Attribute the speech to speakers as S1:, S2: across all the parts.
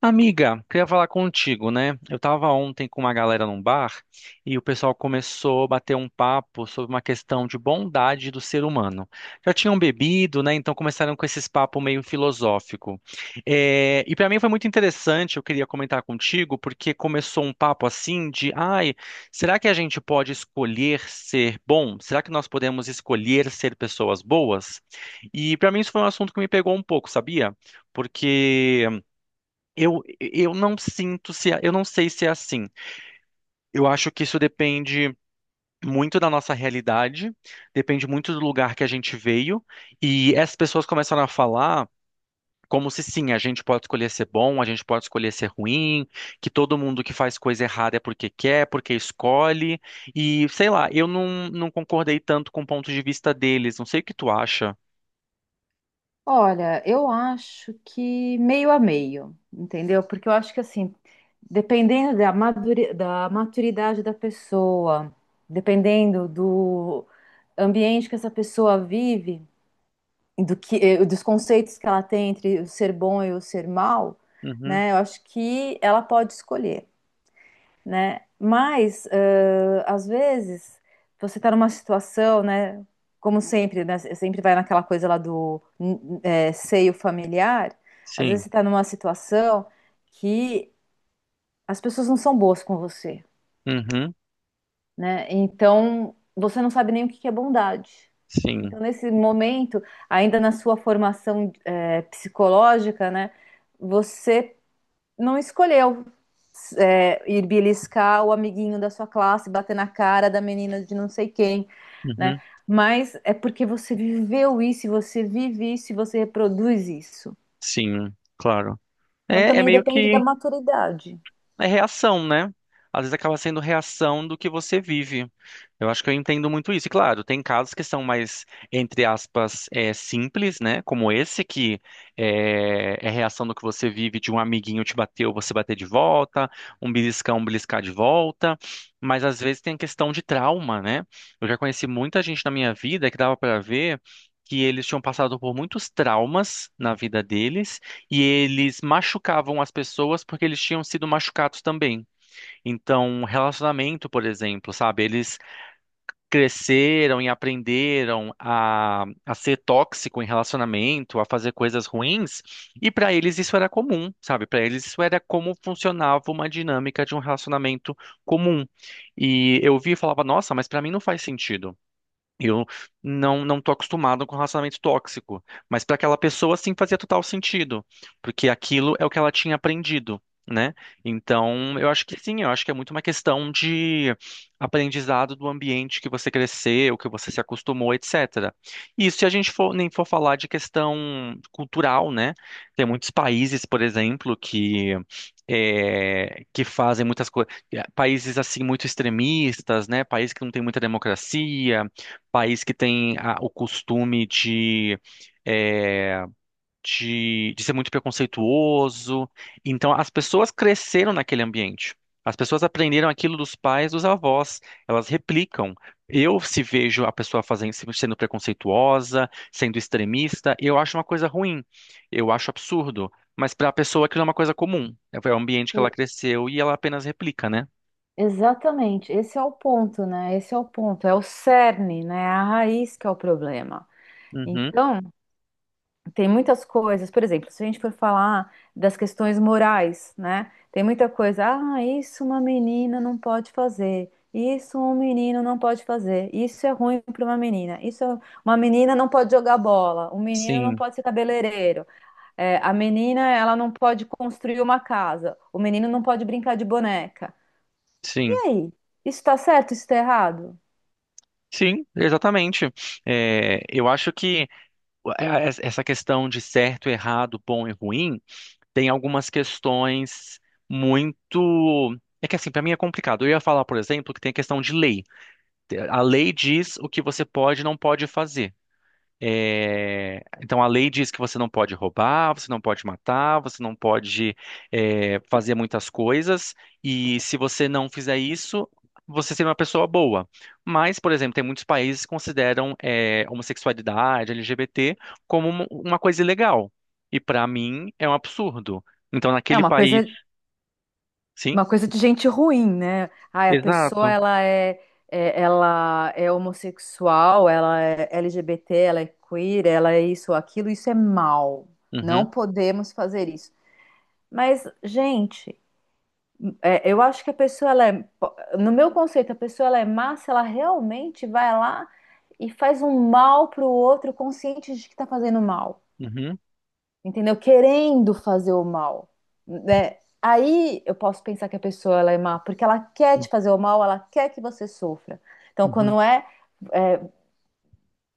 S1: Amiga, queria falar contigo, né? Eu tava ontem com uma galera num bar e o pessoal começou a bater um papo sobre uma questão de bondade do ser humano. Já tinham bebido, né? Então começaram com esses papo meio filosófico. E para mim foi muito interessante, eu queria comentar contigo, porque começou um papo assim de, ai, será que a gente pode escolher ser bom? Será que nós podemos escolher ser pessoas boas? E para mim isso foi um assunto que me pegou um pouco, sabia? Porque eu não sinto se, eu não sei se é assim. Eu acho que isso depende muito da nossa realidade, depende muito do lugar que a gente veio, e essas pessoas começaram a falar como se sim, a gente pode escolher ser bom, a gente pode escolher ser ruim, que todo mundo que faz coisa errada é porque quer, porque escolhe, e sei lá, eu não concordei tanto com o ponto de vista deles, não sei o que tu acha.
S2: Olha, eu acho que meio a meio, entendeu? Porque eu acho que assim, dependendo da da maturidade da pessoa, dependendo do ambiente que essa pessoa vive, e do que, dos conceitos que ela tem entre o ser bom e o ser mal,
S1: Uhum,
S2: né? Eu acho que ela pode escolher, né? Mas, às vezes, você está numa situação, né? Como sempre, né? Sempre vai naquela coisa lá do é, seio familiar. Às vezes
S1: sim,
S2: você está numa situação que as pessoas não são boas com você,
S1: uhum,
S2: né? Então, você não sabe nem o que que é bondade.
S1: sim,
S2: Então, nesse momento, ainda na sua formação, é, psicológica, né? Você não escolheu, é, ir beliscar o amiguinho da sua classe, bater na cara da menina de não sei quem, né?
S1: uhum,
S2: Mas é porque você viveu isso, você vive isso, e você reproduz isso.
S1: sim, claro.
S2: Então
S1: É, é
S2: também
S1: meio
S2: depende da
S1: que
S2: maturidade.
S1: é reação, né? Às vezes acaba sendo reação do que você vive. Eu acho que eu entendo muito isso. E claro, tem casos que são mais, entre aspas, simples, né? Como esse, que é reação do que você vive, de um amiguinho te bateu, você bater de volta, um beliscão, beliscar de volta. Mas às vezes tem a questão de trauma, né? Eu já conheci muita gente na minha vida que dava pra ver que eles tinham passado por muitos traumas na vida deles e eles machucavam as pessoas porque eles tinham sido machucados também. Então, relacionamento, por exemplo, sabe? Eles cresceram e aprenderam a ser tóxico em relacionamento, a fazer coisas ruins, e para eles isso era comum, sabe? Para eles isso era como funcionava uma dinâmica de um relacionamento comum. E eu vi e falava, nossa, mas para mim não faz sentido. Eu não tô acostumado com relacionamento tóxico, mas para aquela pessoa sim fazia total sentido, porque aquilo é o que ela tinha aprendido, né? Então, eu acho que sim, eu acho que é muito uma questão de aprendizado do ambiente que você cresceu, que você se acostumou, etc. E isso se a gente for, nem for falar de questão cultural, né? Tem muitos países, por exemplo, que que fazem muitas coisas, países assim muito extremistas, né? Países que não têm muita democracia, país que tem o costume de, é, de, ser muito preconceituoso. Então, as pessoas cresceram naquele ambiente. As pessoas aprenderam aquilo dos pais, dos avós. Elas replicam. Eu, se vejo a pessoa fazendo, sendo preconceituosa, sendo extremista, eu acho uma coisa ruim. Eu acho absurdo. Mas para a pessoa aquilo é uma coisa comum. É o ambiente que ela cresceu e ela apenas replica, né?
S2: Exatamente, esse é o ponto, né? Esse é o ponto, é o cerne, né? É a raiz que é o problema.
S1: Uhum.
S2: Então, tem muitas coisas, por exemplo, se a gente for falar das questões morais, né? Tem muita coisa, ah, isso uma menina não pode fazer, isso um menino não pode fazer, isso é ruim para uma menina, uma menina não pode jogar bola, um menino não
S1: Sim,
S2: pode ser cabeleireiro, é, a menina ela não pode construir uma casa, o menino não pode brincar de boneca. E
S1: sim.
S2: aí? Isso está certo, isso está errado?
S1: Sim, exatamente. É, eu acho que essa questão de certo, errado, bom e ruim tem algumas questões muito. É que assim, para mim é complicado. Eu ia falar, por exemplo, que tem a questão de lei. A lei diz o que você pode e não pode fazer. Então a lei diz que você não pode roubar, você não pode matar, você não pode fazer muitas coisas, e se você não fizer isso, você seria uma pessoa boa. Mas, por exemplo, tem muitos países que consideram homossexualidade, LGBT, como uma coisa ilegal. E para mim é um absurdo. Então,
S2: É
S1: naquele
S2: uma coisa.
S1: país, sim,
S2: Uma coisa de gente ruim, né? Ai, a pessoa
S1: exato.
S2: ela é, ela é homossexual, ela é LGBT, ela é queer, ela é isso, aquilo, isso é mal. Não
S1: Uhum,
S2: podemos fazer isso. Mas, gente, é, eu acho que a pessoa ela é, no meu conceito, a pessoa ela é má se ela realmente vai lá e faz um mal pro outro consciente de que tá fazendo mal,
S1: uhum,
S2: entendeu? Querendo fazer o mal, né? Aí eu posso pensar que a pessoa ela é má, porque ela quer te fazer o mal, ela quer que você sofra. Então,
S1: uhum,
S2: quando é, é,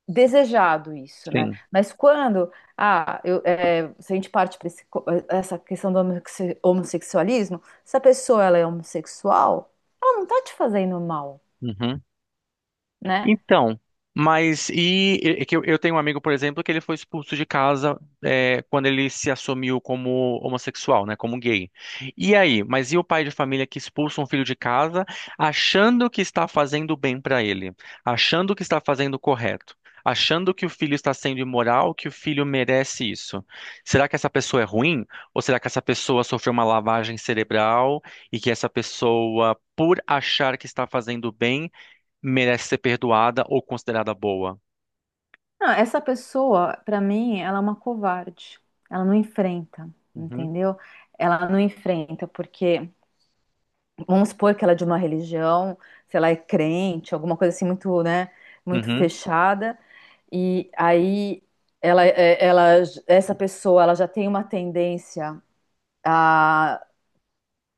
S2: desejado isso, né?
S1: sim.
S2: Mas quando, ah, eu, é, se a gente parte para essa questão do homossexualismo, se a pessoa ela é homossexual, ela não tá te fazendo mal,
S1: Uhum.
S2: né?
S1: Então, mas e é que eu tenho um amigo, por exemplo, que ele foi expulso de casa quando ele se assumiu como homossexual, né, como gay. E aí, mas e o pai de família que expulsa um filho de casa achando que está fazendo bem para ele, achando que está fazendo o correto, achando que o filho está sendo imoral, que o filho merece isso? Será que essa pessoa é ruim? Ou será que essa pessoa sofreu uma lavagem cerebral e que essa pessoa, por achar que está fazendo bem, merece ser perdoada ou considerada boa.
S2: Não, essa pessoa, para mim, ela é uma covarde. Ela não enfrenta,
S1: Uhum,
S2: entendeu? Ela não enfrenta porque vamos supor que ela é de uma religião, se ela é crente, alguma coisa assim muito, né, muito
S1: uhum,
S2: fechada, e aí ela, ela, essa pessoa, ela já tem uma tendência a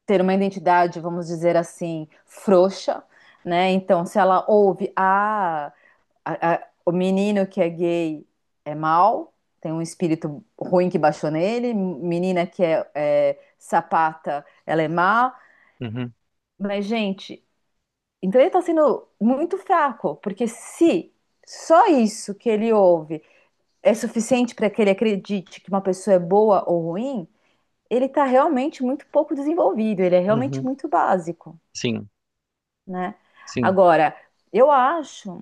S2: ter uma identidade, vamos dizer assim, frouxa, né? Então, se ela ouve, ah, o menino que é gay é mau, tem um espírito ruim que baixou nele, menina que é, é sapata, ela é má,
S1: uhum,
S2: mas, gente, então ele está sendo muito fraco, porque se só isso que ele ouve é suficiente para que ele acredite que uma pessoa é boa ou ruim, ele está realmente muito pouco desenvolvido, ele é realmente
S1: uhum.
S2: muito básico,
S1: Sim,
S2: né?
S1: sim.
S2: Agora, eu acho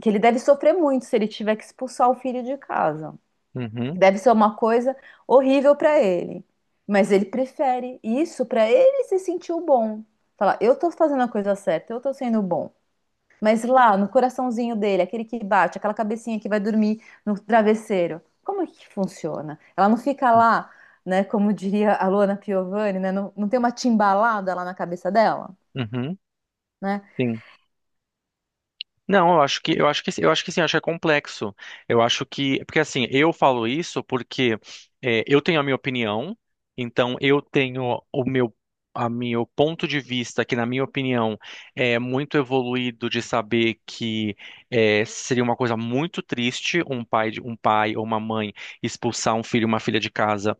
S2: que ele deve sofrer muito se ele tiver que expulsar o filho de casa.
S1: Uhum,
S2: Deve ser uma coisa horrível para ele. Mas ele prefere isso para ele se sentir o bom. Falar, eu estou fazendo a coisa certa, eu estou sendo bom. Mas lá, no coraçãozinho dele, aquele que bate, aquela cabecinha que vai dormir no travesseiro, como é que funciona? Ela não fica lá, né, como diria a Luana Piovani, né, não tem uma timbalada lá na cabeça dela,
S1: uhum,
S2: né?
S1: sim. Não, eu acho que sim, eu acho que é complexo. Eu acho que porque assim, eu falo isso porque eu tenho a minha opinião, então eu tenho o meu a meu ponto de vista que na minha opinião é muito evoluído de saber que seria uma coisa muito triste um um pai ou uma mãe expulsar um filho e uma filha de casa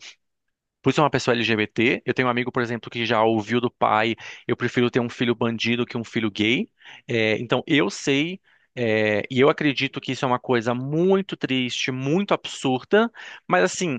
S1: por ser uma pessoa LGBT. Eu tenho um amigo, por exemplo, que já ouviu do pai, eu prefiro ter um filho bandido que um filho gay. É, então eu sei, e eu acredito que isso é uma coisa muito triste, muito absurda, mas assim,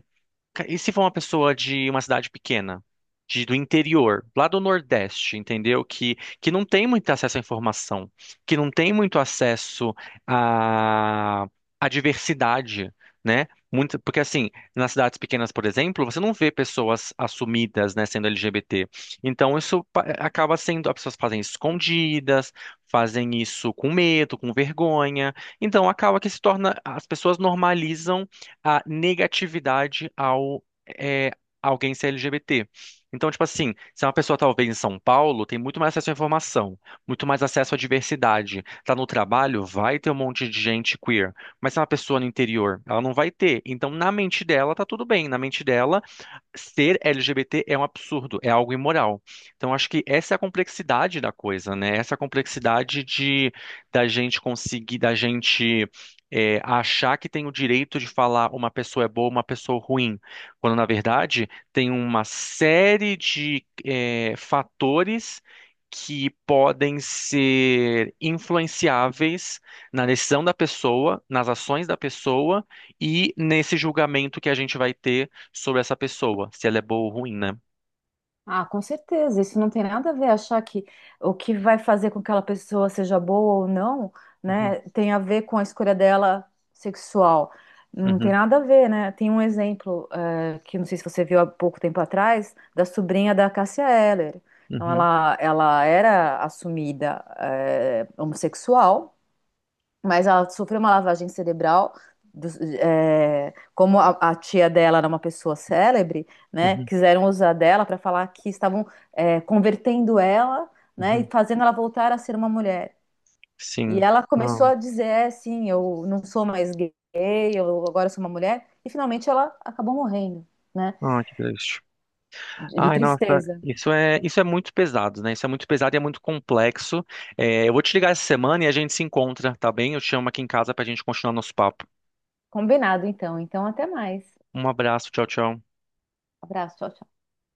S1: E se for uma pessoa de uma cidade pequena, de, do interior, lá do Nordeste, entendeu? Que não tem muito acesso à informação, que não tem muito acesso à, à diversidade, né? Muito, porque, assim, nas cidades pequenas, por exemplo, você não vê pessoas assumidas, né, sendo LGBT. Então, acaba sendo, as pessoas fazem isso escondidas, fazem isso com medo, com vergonha. Então, acaba que se torna, as pessoas normalizam a negatividade ao é, alguém ser LGBT. Então, tipo assim, se é uma pessoa talvez em São Paulo, tem muito mais acesso à informação, muito mais acesso à diversidade. Tá no trabalho, vai ter um monte de gente queer. Mas se é uma pessoa no interior, ela não vai ter. Então, na mente dela, tá tudo bem. Na mente dela, ser LGBT é um absurdo, é algo imoral. Então, acho que essa é a complexidade da coisa, né? Essa é a complexidade de da gente conseguir, da gente achar que tem o direito de falar uma pessoa é boa, uma pessoa ruim, quando na verdade tem uma série de fatores que podem ser influenciáveis na decisão da pessoa, nas ações da pessoa e nesse julgamento que a gente vai ter sobre essa pessoa, se ela é boa ou ruim, né?
S2: Ah, com certeza. Isso não tem nada a ver. Achar que o que vai fazer com que aquela pessoa seja boa ou não,
S1: Uhum,
S2: né, tem a ver com a escolha dela sexual. Não tem
S1: uhum,
S2: nada a ver, né? Tem um exemplo, que não sei se você viu há pouco tempo atrás, da sobrinha da Cássia Eller. Então,
S1: uhum,
S2: ela era assumida, eh, homossexual, mas ela sofreu uma lavagem cerebral. É, como a tia dela era uma pessoa célebre, né,
S1: uhum,
S2: quiseram usar dela para falar que estavam é, convertendo ela, né, e
S1: uhum.
S2: fazendo ela voltar a ser uma mulher. E
S1: Sim.
S2: ela
S1: Ah,
S2: começou a dizer, é, sim, eu não sou mais gay, eu agora sou uma mulher. E finalmente ela acabou morrendo, né,
S1: ah, que triste.
S2: de
S1: Ai, nossa,
S2: tristeza.
S1: isso é muito pesado, né? Isso é muito pesado e é muito complexo. É, eu vou te ligar essa semana e a gente se encontra, tá bem? Eu te chamo aqui em casa pra gente continuar nosso papo.
S2: Combinado, então. Então, até mais.
S1: Um abraço, tchau, tchau.
S2: Abraço. Tchau,